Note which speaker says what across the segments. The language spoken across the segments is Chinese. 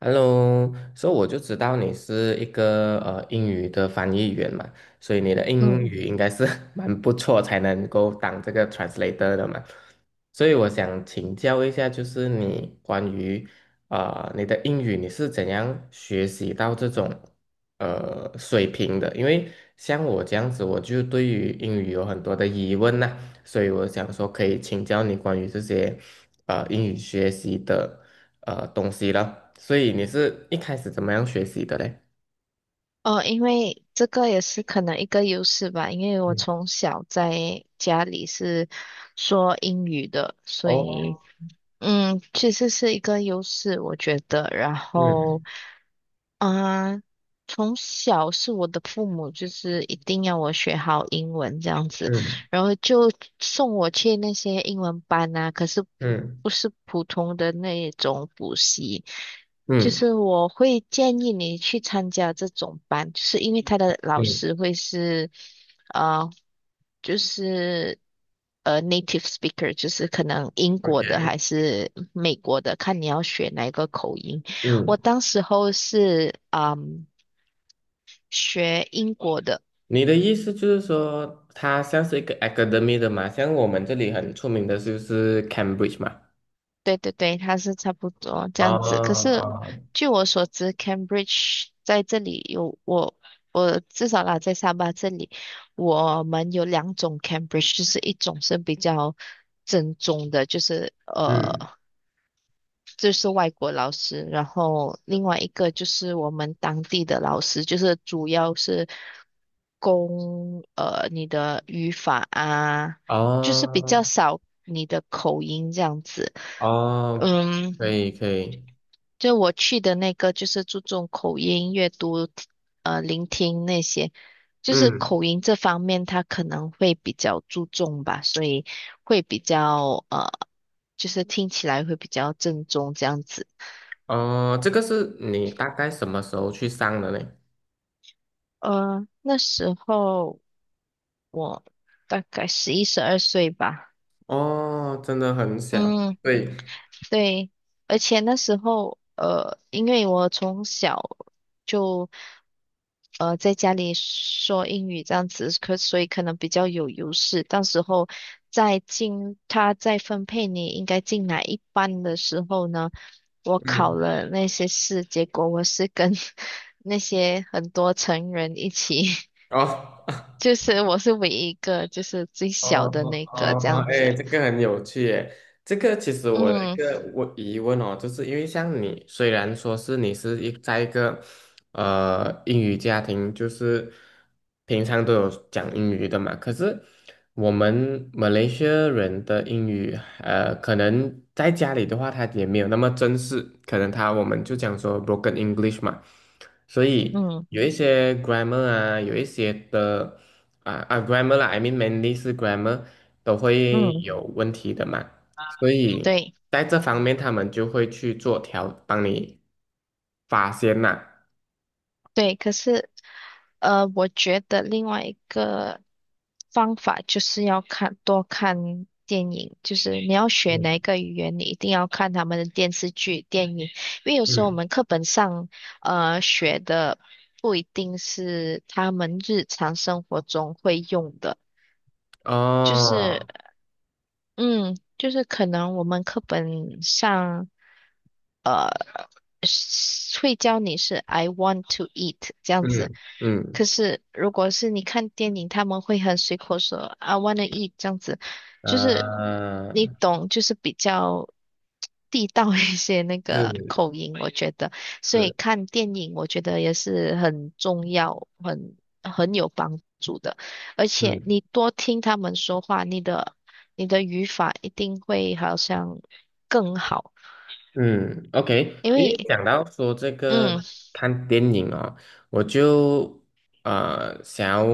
Speaker 1: Hello,所以我就知道你是一个英语的翻译员嘛，所以你的英
Speaker 2: 嗯，
Speaker 1: 语应该是 蛮不错，才能够当这个 translator 的嘛。所以我想请教一下，就是你关于你的英语，你是怎样学习到这种水平的，因为像我这样子，我就对于英语有很多的疑问呐、所以我想说可以请教你关于这些英语学习的东西了。所以你是一开始怎么样学习的嘞？
Speaker 2: 哦，因为这个也是可能一个优势吧，因为我
Speaker 1: 嗯。
Speaker 2: 从小在家里是说英语的，所以
Speaker 1: 哦。
Speaker 2: 其实是一个优势，我觉得。然后
Speaker 1: 嗯
Speaker 2: 啊，从小是我的父母就是一定要我学好英文这样子，
Speaker 1: 嗯
Speaker 2: 然后就送我去那些英文班啊，可是
Speaker 1: 嗯
Speaker 2: 不是普通的那种补习，就
Speaker 1: 嗯
Speaker 2: 是我会建议你去参加这种班，就是因为他的老
Speaker 1: 嗯
Speaker 2: 师会是，呃，就是native speaker，就是可能英国的
Speaker 1: ，OK。
Speaker 2: 还是美国的，看你要学哪一个口音。
Speaker 1: 嗯。
Speaker 2: 我当时候是学英国的，
Speaker 1: 你的意思就是说，它像是一个 academy 的嘛，像我们这里很出名的就是 Cambridge 嘛。
Speaker 2: 对对对，他是差不多这
Speaker 1: 哦
Speaker 2: 样子。可是
Speaker 1: 哦。
Speaker 2: 据我所知，Cambridge 在这里有我至少啦，在沙巴这里，我们有两种 Cambridge，就是一种是比较正宗的，就是
Speaker 1: 嗯。
Speaker 2: 这是外国老师，然后另外一个就是我们当地的老师，就是主要是攻你的语法啊，就是比较
Speaker 1: 哦
Speaker 2: 少你的口音这样子。
Speaker 1: 哦。
Speaker 2: 嗯，
Speaker 1: 可以可以。
Speaker 2: 就我去的那个就是注重口音、阅读、聆听那些，就是
Speaker 1: 嗯。
Speaker 2: 口音这方面他可能会比较注重吧，所以会比较就是听起来会比较正宗这样子。
Speaker 1: 哦，这个是你大概什么时候去上的呢？
Speaker 2: 那时候我大概11、12岁吧。
Speaker 1: 哦，真的很小。
Speaker 2: 嗯，
Speaker 1: 对。
Speaker 2: 对，而且那时候，因为我从小就在家里说英语这样子，可所以可能比较有优势。到时候再进他再分配你应该进哪一班的时候呢，我考
Speaker 1: 嗯。
Speaker 2: 了那些试，结果我是跟 那些很多成人一起。
Speaker 1: 哦。
Speaker 2: 就是我是唯一一个，就是最
Speaker 1: 哦
Speaker 2: 小的
Speaker 1: 哦
Speaker 2: 那
Speaker 1: 哦
Speaker 2: 个这
Speaker 1: 哦，
Speaker 2: 样
Speaker 1: 哎，
Speaker 2: 子。
Speaker 1: 这个很有趣耶。这个其实我有一
Speaker 2: 嗯
Speaker 1: 个我疑问哦，就是因为像你，虽然说是你是一在一个英语家庭，就是平常都有讲英语的嘛，可是我们马来西亚人的英语，可能在家里的话，他也没有那么正式，可能他我们就讲说 broken English 嘛，所以
Speaker 2: 嗯
Speaker 1: 有一些 grammar 啊，有一些的。啊啊，grammar 啦，I mean mainly 是 grammar 都会
Speaker 2: 嗯，
Speaker 1: 有问题的嘛，所以
Speaker 2: 对
Speaker 1: 在这方面他们就会去做调，帮你发现呐。
Speaker 2: 对。可是我觉得另外一个方法就是要看多看电影，就是你要学哪
Speaker 1: 嗯
Speaker 2: 一个语言，你一定要看他们的电视剧、电影，因为有时候我
Speaker 1: 嗯。
Speaker 2: 们课本上学的不一定是他们日常生活中会用的。就
Speaker 1: 哦。
Speaker 2: 是嗯，就是可能我们课本上，呃，是会教你是 I want to eat 这样子，
Speaker 1: 嗯嗯。
Speaker 2: 可是如果是你看电影，他们会很随口说 I want to eat 这样子，就是你
Speaker 1: 啊。
Speaker 2: 懂，就是比较地道一些那个
Speaker 1: 是
Speaker 2: 口音，我觉得，所以
Speaker 1: 是。
Speaker 2: 看电影我觉得也是很重要，很有帮助的。而且
Speaker 1: 嗯。
Speaker 2: 你多听他们说话，你的语法一定会好像更好，
Speaker 1: 嗯，OK，
Speaker 2: 因
Speaker 1: 因为
Speaker 2: 为
Speaker 1: 讲到说这
Speaker 2: 嗯
Speaker 1: 个看电影啊、我就想要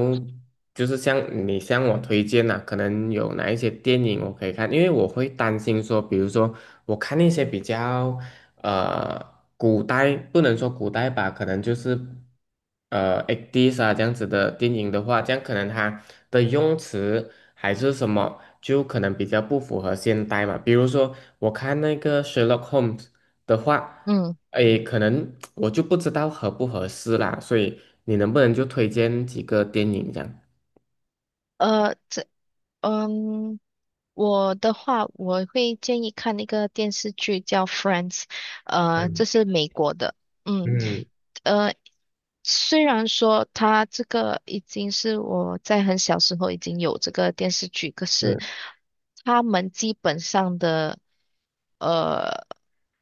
Speaker 1: 就是像你向我推荐呐、可能有哪一些电影我可以看，因为我会担心说，比如说我看那些比较呃古代不能说古代吧，可能就是8 e s 啊这样子的电影的话，这样可能它的用词还是什么，就可能比较不符合现代嘛。比如说，我看那个 Sherlock Holmes 的话，
Speaker 2: 嗯
Speaker 1: 诶，可能我就不知道合不合适啦，所以你能不能就推荐几个电影这样？
Speaker 2: 呃这嗯我的话，我会建议看那个电视剧叫《Friends》，
Speaker 1: 嗯
Speaker 2: 这是美国的，嗯。
Speaker 1: 嗯。
Speaker 2: 呃，虽然说他这个已经是我在很小时候已经有这个电视剧，可
Speaker 1: 嗯
Speaker 2: 是他们基本上的呃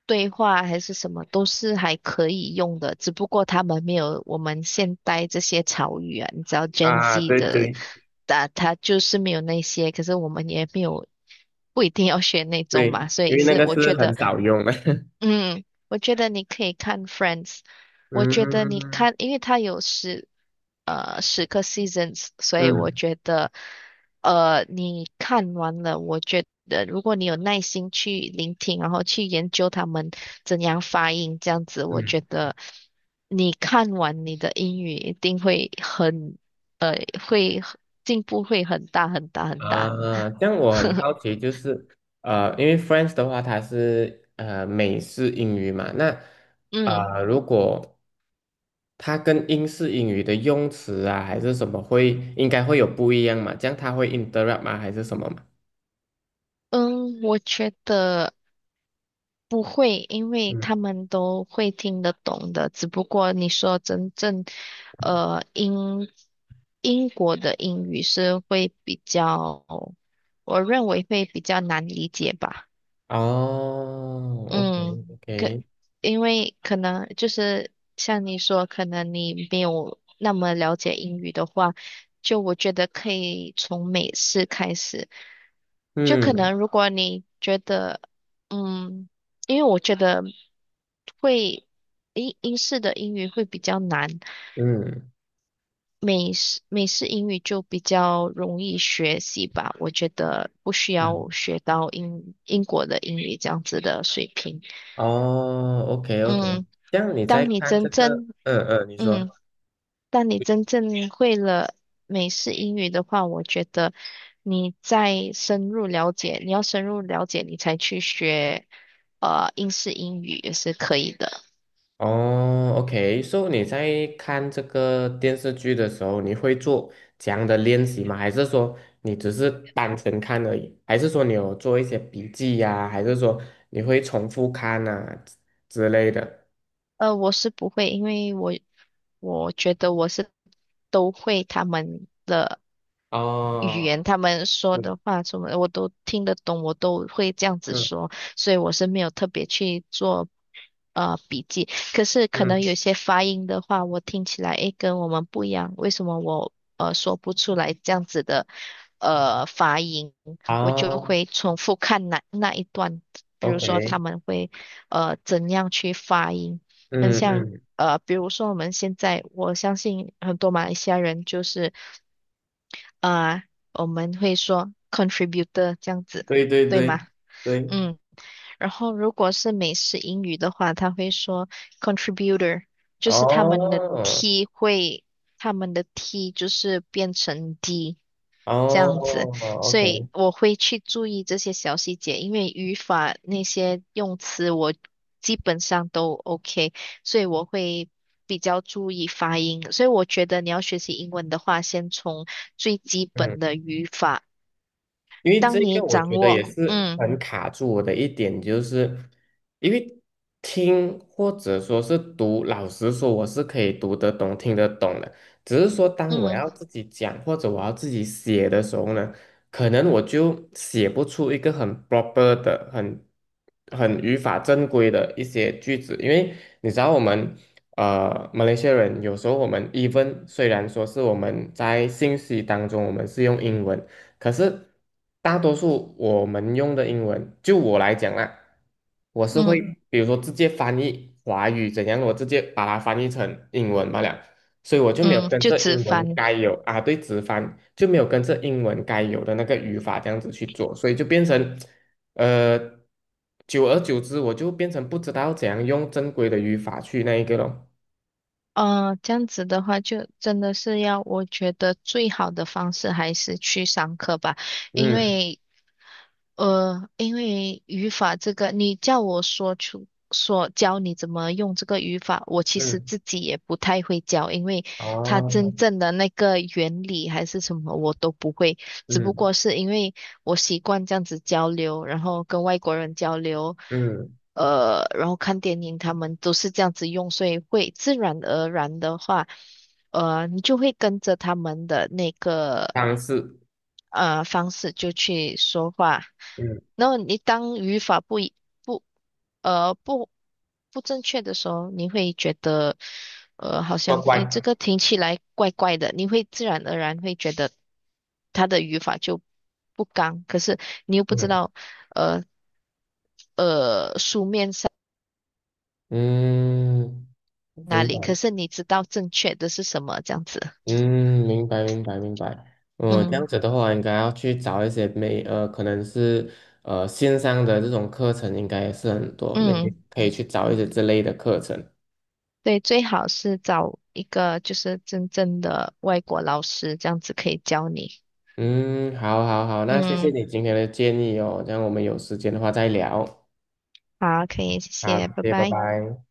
Speaker 2: 对话还是什么都是还可以用的，只不过他们没有我们现代这些潮语啊，你知道 Gen
Speaker 1: 啊，
Speaker 2: Z
Speaker 1: 对
Speaker 2: 的，
Speaker 1: 对
Speaker 2: 他就是没有那些，可是我们也没有不一定要学那种嘛，
Speaker 1: 对，
Speaker 2: 所
Speaker 1: 因
Speaker 2: 以
Speaker 1: 为那
Speaker 2: 是
Speaker 1: 个
Speaker 2: 我
Speaker 1: 是
Speaker 2: 觉
Speaker 1: 很
Speaker 2: 得。
Speaker 1: 少用的。
Speaker 2: 嗯，我觉得你可以看《Friends》，我觉得你
Speaker 1: 嗯
Speaker 2: 看，因为它有十个 seasons，所以
Speaker 1: 嗯
Speaker 2: 我觉得，你看完了，我觉得如果你有耐心去聆听，然后去研究他们怎样发音，这样子，我觉
Speaker 1: 嗯。
Speaker 2: 得你看完你的英语一定会很，呃，会进步会很大很大很大。
Speaker 1: 啊，这样我很好奇，就是因为 French 的话，它是美式英语嘛，那
Speaker 2: 嗯
Speaker 1: 如果它跟英式英语的用词啊，还是什么会应该会有不一样嘛？这样它会 interrupt 吗？还是什么嘛？
Speaker 2: 嗯，我觉得。不会，因为
Speaker 1: 嗯。
Speaker 2: 他们都会听得懂的。只不过你说真正，呃，英英国的英语是会比较，我认为会比较难理解吧。
Speaker 1: 哦
Speaker 2: 嗯，
Speaker 1: ，OK
Speaker 2: 可，
Speaker 1: OK。
Speaker 2: 因为可能就是像你说，可能你没有那么了解英语的话，就我觉得可以从美式开始。就可
Speaker 1: 嗯
Speaker 2: 能如果你觉得，嗯，因为我觉得会英式的英语会比较难，
Speaker 1: 嗯
Speaker 2: 美式英语就比较容易学习吧。我觉得不需要
Speaker 1: 嗯。
Speaker 2: 学到英国的英语这样子的水平。
Speaker 1: 哦，OK OK。
Speaker 2: 嗯。
Speaker 1: 这样你在
Speaker 2: 当你
Speaker 1: 看
Speaker 2: 真
Speaker 1: 这个，
Speaker 2: 正，
Speaker 1: 嗯嗯，你
Speaker 2: 嗯，
Speaker 1: 说。
Speaker 2: 当你真正会了美式英语的话，我觉得你再深入了解，你要深入了解，你才去学，英式英语也是可以的。
Speaker 1: 哦，OK，so 你在看这个电视剧的时候，你会做这样的练习吗？还是说你只是单纯看而已？还是说你有做一些笔记呀、还是说你会重复看啊之类的？
Speaker 2: 我是不会，因为我觉得我是都会他们的语
Speaker 1: 哦。
Speaker 2: 言，他们说
Speaker 1: 嗯
Speaker 2: 的话什么的我都听得懂，我都会这样子
Speaker 1: 嗯
Speaker 2: 说，所以我是没有特别去做笔记。可是可能
Speaker 1: 嗯。
Speaker 2: 有些发音的话，我听起来诶跟我们不一样，为什么我说不出来这样子的发音，我就
Speaker 1: 哦
Speaker 2: 会重复看那一段，比如说
Speaker 1: ，OK。
Speaker 2: 他们会怎样去发音，很
Speaker 1: 嗯
Speaker 2: 像。
Speaker 1: 嗯。
Speaker 2: 比如说我们现在，我相信很多马来西亚人就是。呃，我们会说 contributor 这样子，
Speaker 1: 对对
Speaker 2: 对
Speaker 1: 对
Speaker 2: 吗？
Speaker 1: 对。
Speaker 2: 嗯，然后如果是美式英语的话，他会说 contributor，就
Speaker 1: 哦
Speaker 2: 是他们的 t 就是变成 d，这样子，
Speaker 1: 哦
Speaker 2: 所以
Speaker 1: ，OK。
Speaker 2: 我会去注意这些小细节，因为语法那些用词我基本上都 OK，所以我会比较注意发音。所以我觉得你要学习英文的话，先从最基
Speaker 1: 嗯。
Speaker 2: 本的语法，
Speaker 1: 因为
Speaker 2: 当
Speaker 1: 这
Speaker 2: 你
Speaker 1: 个我
Speaker 2: 掌
Speaker 1: 觉得也
Speaker 2: 握，
Speaker 1: 是
Speaker 2: 嗯
Speaker 1: 很卡住我的一点，就是因为听或者说是读，老实说我是可以读得懂、听得懂的，只是说当我
Speaker 2: 嗯
Speaker 1: 要自己讲或者我要自己写的时候呢，可能我就写不出一个很 proper 的、很很语法正规的一些句子，因为你知道我们。马来西亚人有时候我们 even 虽然说是我们在信息当中我们是用英文，可是大多数我们用的英文，就我来讲啦，我是会
Speaker 2: 嗯
Speaker 1: 比如说直接翻译华语怎样，我直接把它翻译成英文罢了，所以我就没有
Speaker 2: 嗯，
Speaker 1: 跟
Speaker 2: 就
Speaker 1: 着
Speaker 2: 直
Speaker 1: 英文
Speaker 2: 翻。
Speaker 1: 该有啊，对，直翻就没有跟着英文该有的那个语法这样子去做，所以就变成呃，久而久之，我就变成不知道怎样用正规的语法去那一个咯。
Speaker 2: 这样子的话，就真的是要，我觉得最好的方式还是去上课吧。因
Speaker 1: 嗯
Speaker 2: 为因为语法这个，你叫我说教你怎么用这个语法，我其实
Speaker 1: 嗯。
Speaker 2: 自己也不太会教，因为它
Speaker 1: 哦。
Speaker 2: 真正的那个原理还是什么我都不会，只不
Speaker 1: 嗯
Speaker 2: 过是因为我习惯这样子交流，然后跟外国人交流，
Speaker 1: 嗯。
Speaker 2: 然后看电影，他们都是这样子用，所以会自然而然的话。你就会跟着他们的那个
Speaker 1: 方式。
Speaker 2: 方式就去说话。
Speaker 1: 嗯。
Speaker 2: 然后你当语法不一不呃不不正确的时候，你会觉得好
Speaker 1: 乖
Speaker 2: 像哎这
Speaker 1: 乖。
Speaker 2: 个听起来怪怪的，你会自然而然会觉得他的语法就不刚，可是你又不知
Speaker 1: 嗯。
Speaker 2: 道呃呃
Speaker 1: 嗯，
Speaker 2: 哪
Speaker 1: 明
Speaker 2: 里，
Speaker 1: 白。
Speaker 2: 可是你知道正确的是什么这样子。
Speaker 1: 嗯，明白，明白，明白。嗯，这
Speaker 2: 嗯
Speaker 1: 样子的话，应该要去找一些美，可能是线上的这种课程，应该也是很多，美
Speaker 2: 嗯。
Speaker 1: 天可以去找一些这类的课程。
Speaker 2: 对，最好是找一个就是真正的外国老师，这样子可以教你。
Speaker 1: 嗯，好，好，好，那谢谢
Speaker 2: 嗯，
Speaker 1: 你今天的建议哦，这样我们有时间的话再聊。
Speaker 2: 好，可以，谢
Speaker 1: 好，
Speaker 2: 谢，拜
Speaker 1: 谢谢，拜
Speaker 2: 拜。
Speaker 1: 拜。